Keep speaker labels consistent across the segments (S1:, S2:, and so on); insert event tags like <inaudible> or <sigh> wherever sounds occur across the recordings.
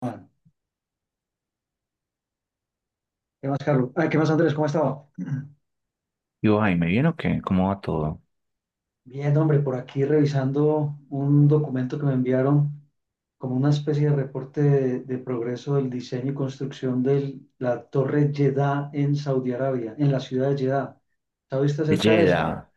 S1: Juan. ¿Qué más, Carlos? Ah, ¿qué más, Andrés? ¿Cómo ha estado?
S2: Digo, ay, ¿me viene o qué? ¿Cómo va todo?
S1: Bien, hombre, por aquí revisando un documento que me enviaron como una especie de reporte de progreso del diseño y construcción de la Torre Jeddah en Saudi Arabia, en la ciudad de Jeddah. ¿Sabe usted acerca de eso?
S2: Yela,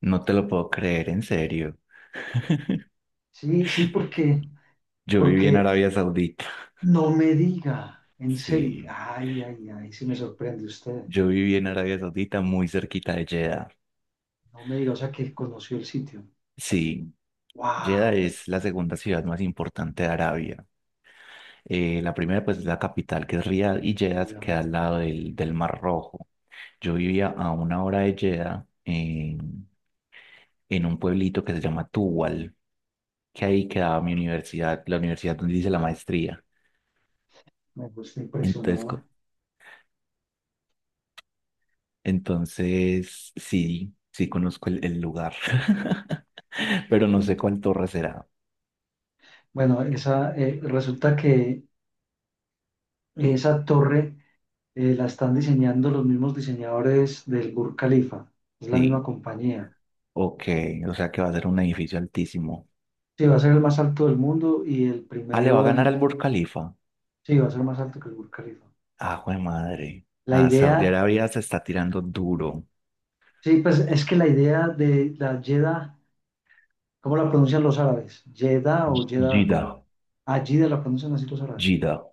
S2: no te lo puedo creer, en serio. <laughs>
S1: Sí, sí, porque,
S2: Yo viví en
S1: porque
S2: Arabia Saudita.
S1: no me diga, en serio,
S2: Sí,
S1: ay, ay, ay, sí me sorprende usted.
S2: yo viví en Arabia Saudita, muy cerquita de Jeddah.
S1: No me diga, o sea, que conoció el sitio.
S2: Sí,
S1: ¡Wow!
S2: Jeddah es la segunda ciudad más importante de Arabia. La primera, pues, es la capital, que es Riad, y Jeddah
S1: Ya.
S2: queda al lado del Mar Rojo. Yo vivía a una hora de Jeddah, en un pueblito que se llama Tuwal, que ahí quedaba mi universidad, la universidad donde hice la maestría.
S1: Me gusta
S2: Entonces,
S1: impresionado.
S2: co- entonces sí, sí conozco el lugar, <laughs> pero no sé cuál torre será.
S1: Bueno, resulta que esa torre, la están diseñando los mismos diseñadores del Burj Khalifa, es la misma
S2: Sí,
S1: compañía.
S2: ok, o sea que va a ser un edificio altísimo.
S1: Sí, va a ser el más alto del mundo y el
S2: Ah, le va a
S1: primero
S2: ganar
S1: en.
S2: al Burj Khalifa.
S1: Sí, va a ser más alto que el Burj Khalifa.
S2: Ah, jue madre.
S1: La
S2: Ah, Saudi
S1: idea,
S2: Arabia se está tirando duro.
S1: sí, pues es que la idea de la Jeddah, ¿cómo la pronuncian los árabes? ¿Jeddah o Jeddah? Como
S2: Jeddah,
S1: allí de la pronuncian así los árabes.
S2: Jeddah.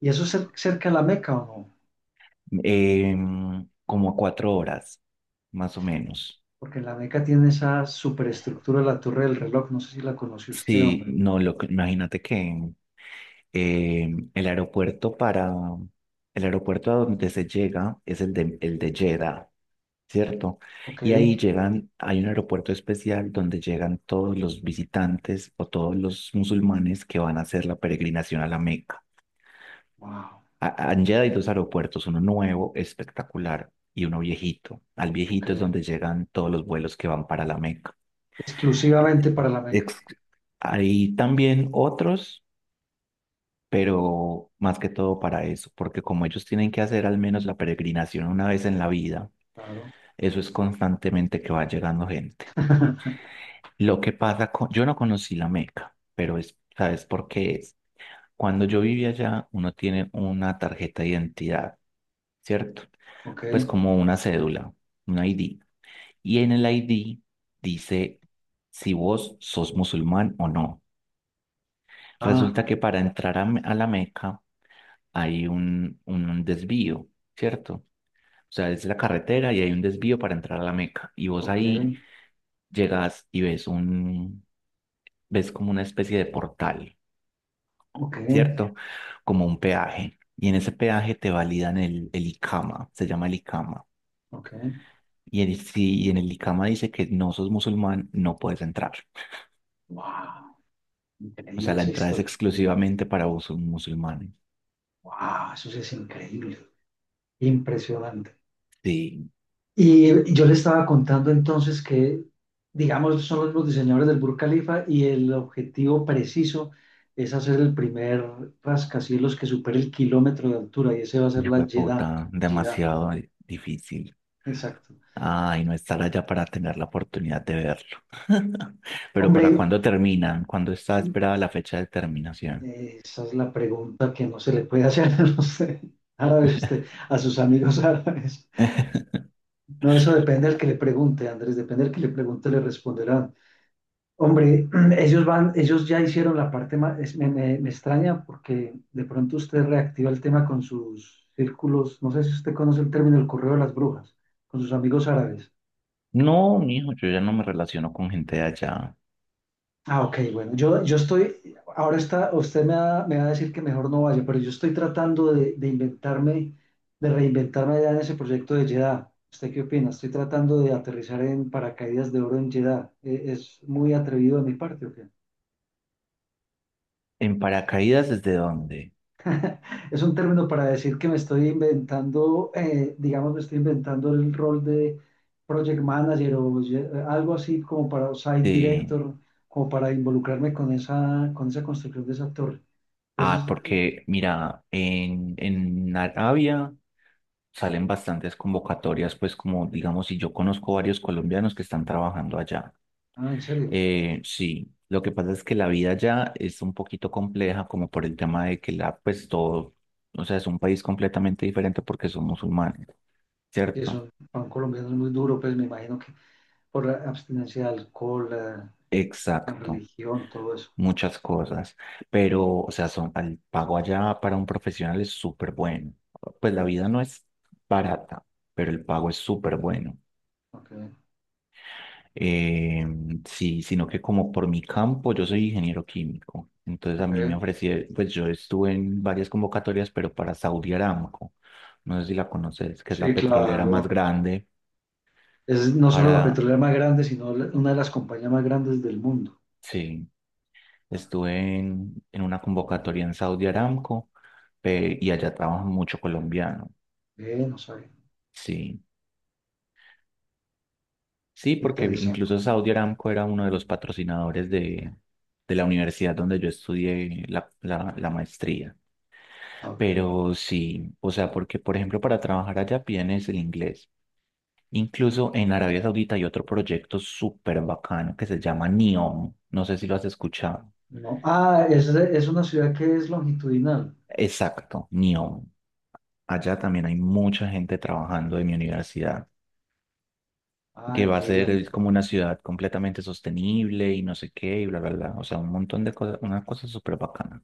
S1: ¿Y eso es cerca de la Meca o no?
S2: Como a cuatro horas, más o menos.
S1: Porque la Meca tiene esa superestructura de la Torre del Reloj, no sé si la conoce usted,
S2: Sí,
S1: hombre.
S2: no, lo, imagínate que Eh, el aeropuerto para el aeropuerto a donde se llega es el el de Jeddah, ¿cierto?
S1: Ok.
S2: Y ahí llegan, hay un aeropuerto especial donde llegan todos los visitantes o todos los musulmanes que van a hacer la peregrinación a la Meca.
S1: Wow,
S2: En Jeddah hay dos aeropuertos, uno nuevo, espectacular, y uno viejito. Al
S1: ok.
S2: viejito es donde llegan todos los vuelos que van para la Meca.
S1: Exclusivamente para la Meca,
S2: Ex- Hay también otros, pero más que todo para eso, porque como ellos tienen que hacer al menos la peregrinación una vez en la vida,
S1: claro.
S2: eso es constantemente que va llegando gente.
S1: <laughs>
S2: Lo que pasa con, yo no conocí la Meca, pero es, ¿sabes por qué es? Cuando yo vivía allá, uno tiene una tarjeta de identidad, ¿cierto?
S1: Ok,
S2: Pues como una cédula, un ID. Y en el ID dice si vos sos musulmán o no.
S1: ah,
S2: Resulta que para entrar a, a la Meca hay un desvío, ¿cierto? O sea, es la carretera y hay un desvío para entrar a la Meca. Y vos
S1: ok,
S2: ahí llegas y ves ves como una especie de portal,
S1: ok,
S2: ¿cierto? Como un peaje. Y en ese peaje te validan el ICAMA, se llama el ICAMA.
S1: ok.
S2: Y, si, y en el ICAMA dice que no sos musulmán, no puedes entrar.
S1: Wow,
S2: O sea,
S1: increíble
S2: la
S1: esa
S2: entrada es
S1: historia.
S2: exclusivamente para vos musulmanes.
S1: Wow, eso sí es increíble, impresionante.
S2: Sí,
S1: Y yo le estaba contando entonces que, digamos, son los mismos diseñadores del Burj Khalifa y el objetivo preciso es hacer el primer rascacielos que supere el kilómetro de altura, y ese va a ser
S2: hijo
S1: la
S2: de
S1: Jeddah,
S2: puta,
S1: Jeddah,
S2: demasiado difícil.
S1: exacto.
S2: Ay, no estar allá para tener la oportunidad de verlo. <laughs> Pero ¿para
S1: Hombre,
S2: cuándo terminan? ¿Cuándo está esperada la fecha de terminación?
S1: Esa es la pregunta que no se le puede hacer <laughs> a los árabes, usted, a sus amigos árabes.
S2: <laughs>
S1: No, eso depende del que le pregunte, Andrés, depende del que le pregunte, le responderán. Hombre, <clears throat> ellos van, ellos ya hicieron la parte más, me extraña porque de pronto usted reactiva el tema con sus círculos, no sé si usted conoce el término el correo de las brujas, con sus amigos árabes.
S2: No, mijo, yo ya no me relaciono con gente de allá.
S1: Ah, ok, bueno, yo estoy, ahora está, usted me va a decir que mejor no vaya, pero yo estoy tratando de inventarme, de reinventarme ya en ese proyecto de Jeddah. ¿Usted qué opina? Estoy tratando de aterrizar en paracaídas de oro en Jeddah. ¿Es muy atrevido de mi parte o qué?
S2: ¿En paracaídas desde dónde?
S1: Es un término para decir que me estoy inventando, digamos, me estoy inventando el rol de project manager o algo así como para o site
S2: Sí.
S1: director, como para involucrarme con esa, construcción de esa torre.
S2: Ah, porque mira, en Arabia salen bastantes convocatorias, pues como digamos, y yo conozco varios colombianos que están trabajando allá.
S1: Ah, en serio,
S2: Sí, lo que pasa es que la vida ya es un poquito compleja como por el tema de que la, pues todo, o sea, es un país completamente diferente porque son musulmanes,
S1: que
S2: ¿cierto?
S1: son, para un colombiano es muy duro, pues me imagino que por la abstinencia de alcohol, la
S2: Exacto,
S1: religión, todo eso.
S2: muchas cosas, pero, o sea, son, el pago allá para un profesional es súper bueno. Pues la vida no es barata, pero el pago es súper bueno.
S1: Ok,
S2: Eh, sí, sino que como por mi campo, yo soy ingeniero químico. Entonces a mí me
S1: ok.
S2: ofrecieron, pues yo estuve en varias convocatorias, pero para Saudi Aramco. No sé si la conoces, que es
S1: Sí,
S2: la petrolera más
S1: claro.
S2: grande
S1: Es no solo la
S2: para...
S1: petrolera más grande, sino una de las compañías más grandes del mundo.
S2: Sí,
S1: Ah,
S2: estuve en una convocatoria en Saudi Aramco y allá trabaja mucho colombiano.
S1: bien, no sabía.
S2: Sí, sí, porque
S1: Interesante.
S2: incluso Saudi Aramco era uno de los patrocinadores de la universidad donde yo estudié la la maestría.
S1: Ah, ok. Ok.
S2: Pero sí, o sea, porque por ejemplo para trabajar allá piden es el inglés. Incluso en Arabia Saudita hay otro proyecto súper bacano que se llama NEOM. No sé si lo has escuchado.
S1: No. Ah, es una ciudad que es longitudinal.
S2: Exacto, NEOM. Allá
S1: Sí.
S2: también hay mucha gente trabajando de mi universidad, que
S1: Ah,
S2: va a
S1: qué bien.
S2: ser como una ciudad completamente sostenible y no sé qué, y bla, bla, bla. O sea, un montón de cosas, una cosa súper bacana.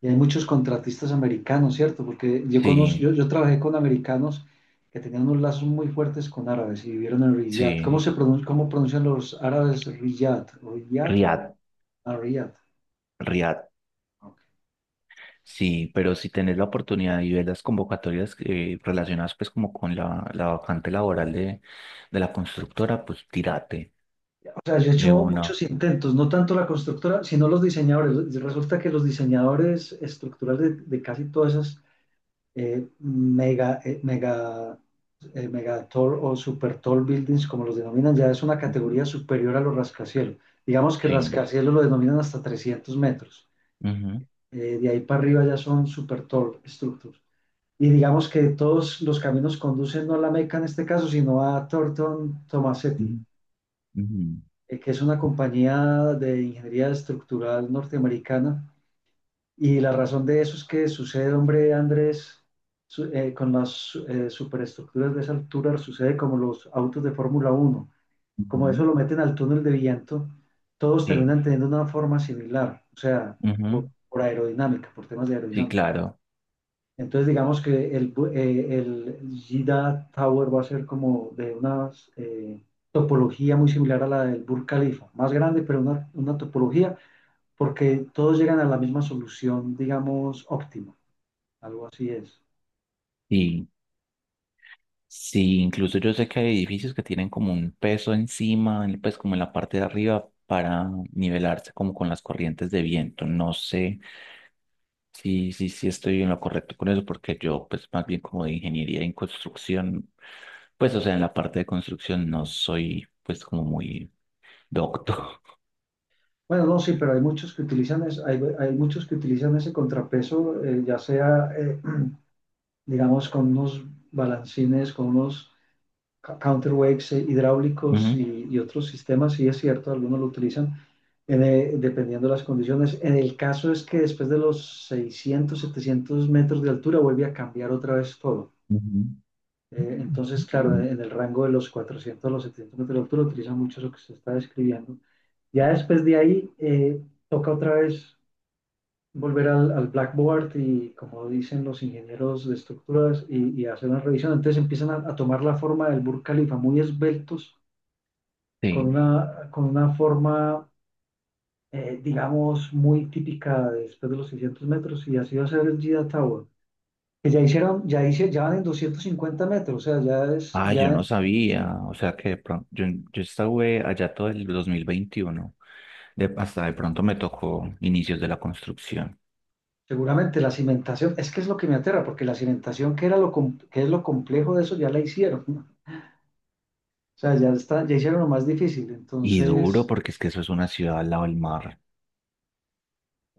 S1: Y hay muchos contratistas americanos, ¿cierto? Porque yo, conozco,
S2: Sí,
S1: yo, yo trabajé con americanos que tenían unos lazos muy fuertes con árabes y vivieron en Riyadh. ¿Cómo
S2: sí.
S1: se pronuncia, cómo pronuncian los árabes Riyadh? ¿Riyadh? ¿O cómo?
S2: Riad,
S1: Ah, Riyadh.
S2: Riad.
S1: Ok.
S2: Sí, pero si tenés la oportunidad y ves las convocatorias relacionadas pues como con la vacante laboral de la constructora, pues tírate
S1: O sea, yo he
S2: de
S1: hecho
S2: una.
S1: muchos intentos, no tanto la constructora, sino los diseñadores. Resulta que los diseñadores estructurales de casi todas esas eh, mega, eh, mega, mega o super tall buildings, como los denominan, ya es una
S2: Ujú,
S1: categoría superior a los rascacielos. Digamos que
S2: sí.
S1: rascacielos lo denominan hasta 300 metros.
S2: Ujú,
S1: De ahí para arriba ya son super tall structures. Y digamos que todos los caminos conducen no a la Meca en este caso, sino a Thornton
S2: ujú,
S1: Tomasetti,
S2: ujú,
S1: que es una compañía de ingeniería estructural norteamericana. Y la razón de eso es que sucede, hombre, Andrés, con las superestructuras de esa altura, sucede como los autos de Fórmula 1. Como eso
S2: ujú.
S1: lo meten al túnel de viento, todos
S2: Sí,
S1: terminan teniendo una forma similar, o sea,
S2: ujú,
S1: por aerodinámica, por temas de
S2: sí,
S1: aerodinámica.
S2: claro.
S1: Entonces, digamos que el Jeddah Tower va a ser como de una eh, topología muy similar a la del Burj Khalifa, más grande, pero una topología, porque todos llegan a la misma solución, digamos, óptima. Algo así es.
S2: Sí. Sí, incluso yo sé que hay edificios que tienen como un peso encima, pues como en la parte de arriba para nivelarse como con las corrientes de viento. No sé. Sí, sí, sí, estoy en lo correcto con eso, porque yo, pues, más bien como de ingeniería en construcción, pues, o sea, en la parte de construcción no soy, pues, como muy docto.
S1: Bueno, no, sí, pero hay muchos que utilizan ese contrapeso, ya sea, <clears throat> digamos, con unos balancines, con unos counterweights,
S2: <laughs>
S1: hidráulicos,
S2: Ujú,
S1: y otros sistemas, sí es cierto, algunos lo utilizan dependiendo de las condiciones. En el caso es que después de los 600, 700 metros de altura vuelve a cambiar otra vez todo.
S2: ujú,
S1: Entonces, claro,
S2: mm,
S1: en el rango de los 400 a los 700 metros de altura utilizan mucho lo que se está describiendo. Ya después de ahí, toca otra vez volver al Blackboard y, como dicen los ingenieros de estructuras, y hacer una revisión. Entonces empiezan a tomar la forma del Burj Khalifa, muy esbeltos, con
S2: sí.
S1: una, con una forma, digamos, muy típica de después de los 600 metros, y así va a ser el Jeddah Tower. Que ya hicieron, ya hice, ya van en 250 metros, o sea, ya es,
S2: Ah, yo
S1: ya
S2: no sabía, o sea, que de pronto, yo estuve allá todo el 2021, de, hasta de pronto me tocó inicios de la construcción.
S1: seguramente la cimentación, es que es lo que me aterra, porque la cimentación, que era que es lo complejo de eso, ya la hicieron, ¿no? O sea, ya está, ya hicieron lo más difícil,
S2: Y duro,
S1: entonces
S2: porque es que eso es una ciudad al lado del mar.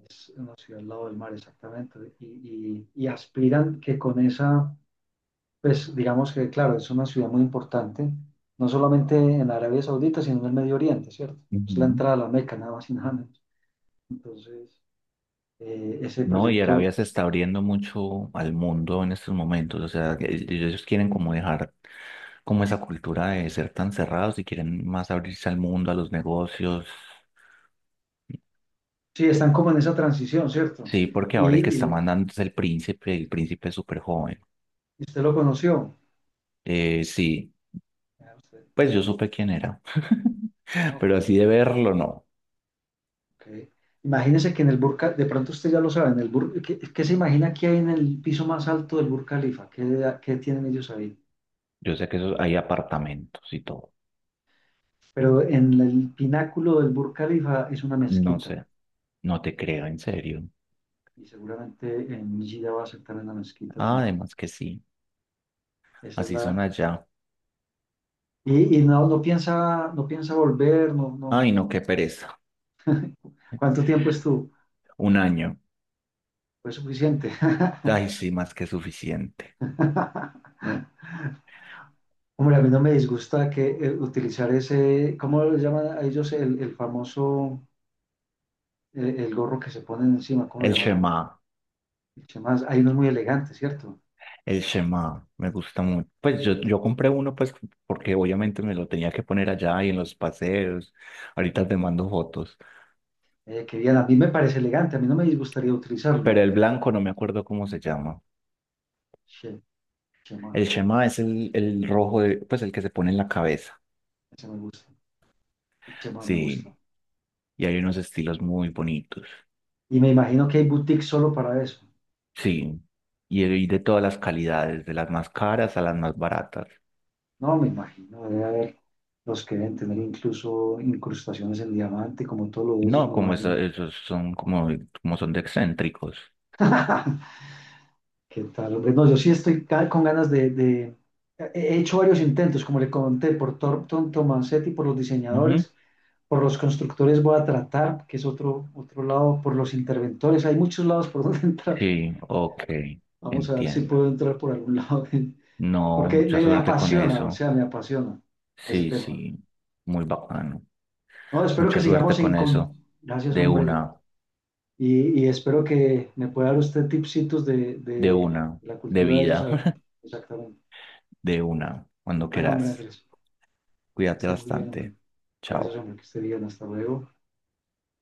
S1: es una ciudad al lado del mar, exactamente. Y aspiran que con esa, pues digamos que, claro, es una ciudad muy importante, no solamente en Arabia Saudita, sino en el Medio Oriente, ¿cierto? Es la
S2: Ujú.
S1: entrada a la Meca, nada más y nada menos. Entonces, ese
S2: No, y
S1: proyecto,
S2: Arabia se está abriendo mucho al mundo en estos momentos, o sea, que ellos quieren como dejar como esa cultura de ser tan cerrados y quieren más abrirse al mundo, a los negocios.
S1: sí, están como en esa transición, ¿cierto?
S2: Sí, porque
S1: Y,
S2: ahora el que
S1: y
S2: está
S1: lo-
S2: mandando es el príncipe es súper joven.
S1: usted lo conoció.
S2: Sí,
S1: Ah, usted.
S2: pues yo supe quién era,
S1: Ah,
S2: <laughs> pero
S1: ok.
S2: así de verlo, no.
S1: Ok. Imagínese que en el de pronto usted ya lo sabe, en el ¿qué se imagina que hay en el piso más alto del Burj Khalifa? ¿Qué tienen ellos ahí?
S2: Yo sé que eso, hay apartamentos y todo.
S1: Pero en el pináculo del Burj Khalifa es una
S2: No
S1: mezquita
S2: sé, no te creo, en serio.
S1: y seguramente en Gida va a ser también una mezquita. En
S2: Ah,
S1: el-
S2: además que sí,
S1: esa es
S2: así son
S1: la,
S2: allá.
S1: y no, no piensa volver, no, no.
S2: Ay, no, qué pereza.
S1: ¿Cuánto tiempo estuvo?
S2: Un año.
S1: Fue suficiente. <laughs>
S2: Ay, sí, más que suficiente.
S1: Hombre, a mí no me disgusta que, utilizar ese, ¿cómo lo llaman a ellos? El famoso, el gorro que se ponen encima, ¿cómo
S2: El
S1: le llaman?
S2: Shema,
S1: El chamás, hay uno muy elegante, ¿cierto?
S2: el Shema, me gusta mucho. Pues yo compré uno, pues, porque obviamente me lo tenía que poner allá y en los paseos. Ahorita te mando fotos.
S1: Que bien, a mí me parece elegante, a mí no me disgustaría
S2: Pero
S1: utilizarlo.
S2: el blanco no me acuerdo cómo se llama.
S1: Che, chamás,
S2: El Shema es el rojo, pues, el que se pone en la cabeza.
S1: ese me gusta, chema me gusta.
S2: Sí, y hay unos estilos muy bonitos.
S1: Y me imagino que hay boutiques solo para eso.
S2: Sí, y hay de todas las calidades, de las más caras a las más baratas.
S1: No, me imagino, debe haber los que deben tener incluso incrustaciones en diamante, como todos los de ellos,
S2: No,
S1: me
S2: como eso,
S1: imagino.
S2: esos son como, como son de excéntricos.
S1: <laughs> ¿Qué tal, hombre? No, yo sí estoy con ganas he hecho varios intentos, como le conté, por Thornton Tomasetti, por los
S2: Ujú.
S1: diseñadores, por los constructores voy a tratar, que es otro lado, por los interventores, hay muchos lados por <laughs> donde entrar.
S2: Sí, ok,
S1: Vamos a ver si
S2: entiendo.
S1: puedo entrar por algún lado, <laughs> de,
S2: No,
S1: porque
S2: mucha
S1: me
S2: suerte con
S1: apasiona, o
S2: eso.
S1: sea, me apasiona ese
S2: Sí,
S1: tema.
S2: sí, muy bacano.
S1: No, espero que
S2: Mucha suerte
S1: sigamos
S2: con
S1: en.
S2: eso.
S1: Con. Gracias,
S2: De
S1: hombre.
S2: una,
S1: Y espero que me pueda dar usted tipsitos de,
S2: de
S1: de
S2: una,
S1: la
S2: de
S1: cultura de ellos,
S2: vida,
S1: a ver,
S2: <laughs>
S1: exactamente.
S2: de una, cuando
S1: Bueno, hombre,
S2: quieras.
S1: Andrés, que
S2: Cuídate
S1: esté muy bien, hombre.
S2: bastante. Chao.
S1: Gracias, hombre, que esté bien. Hasta luego.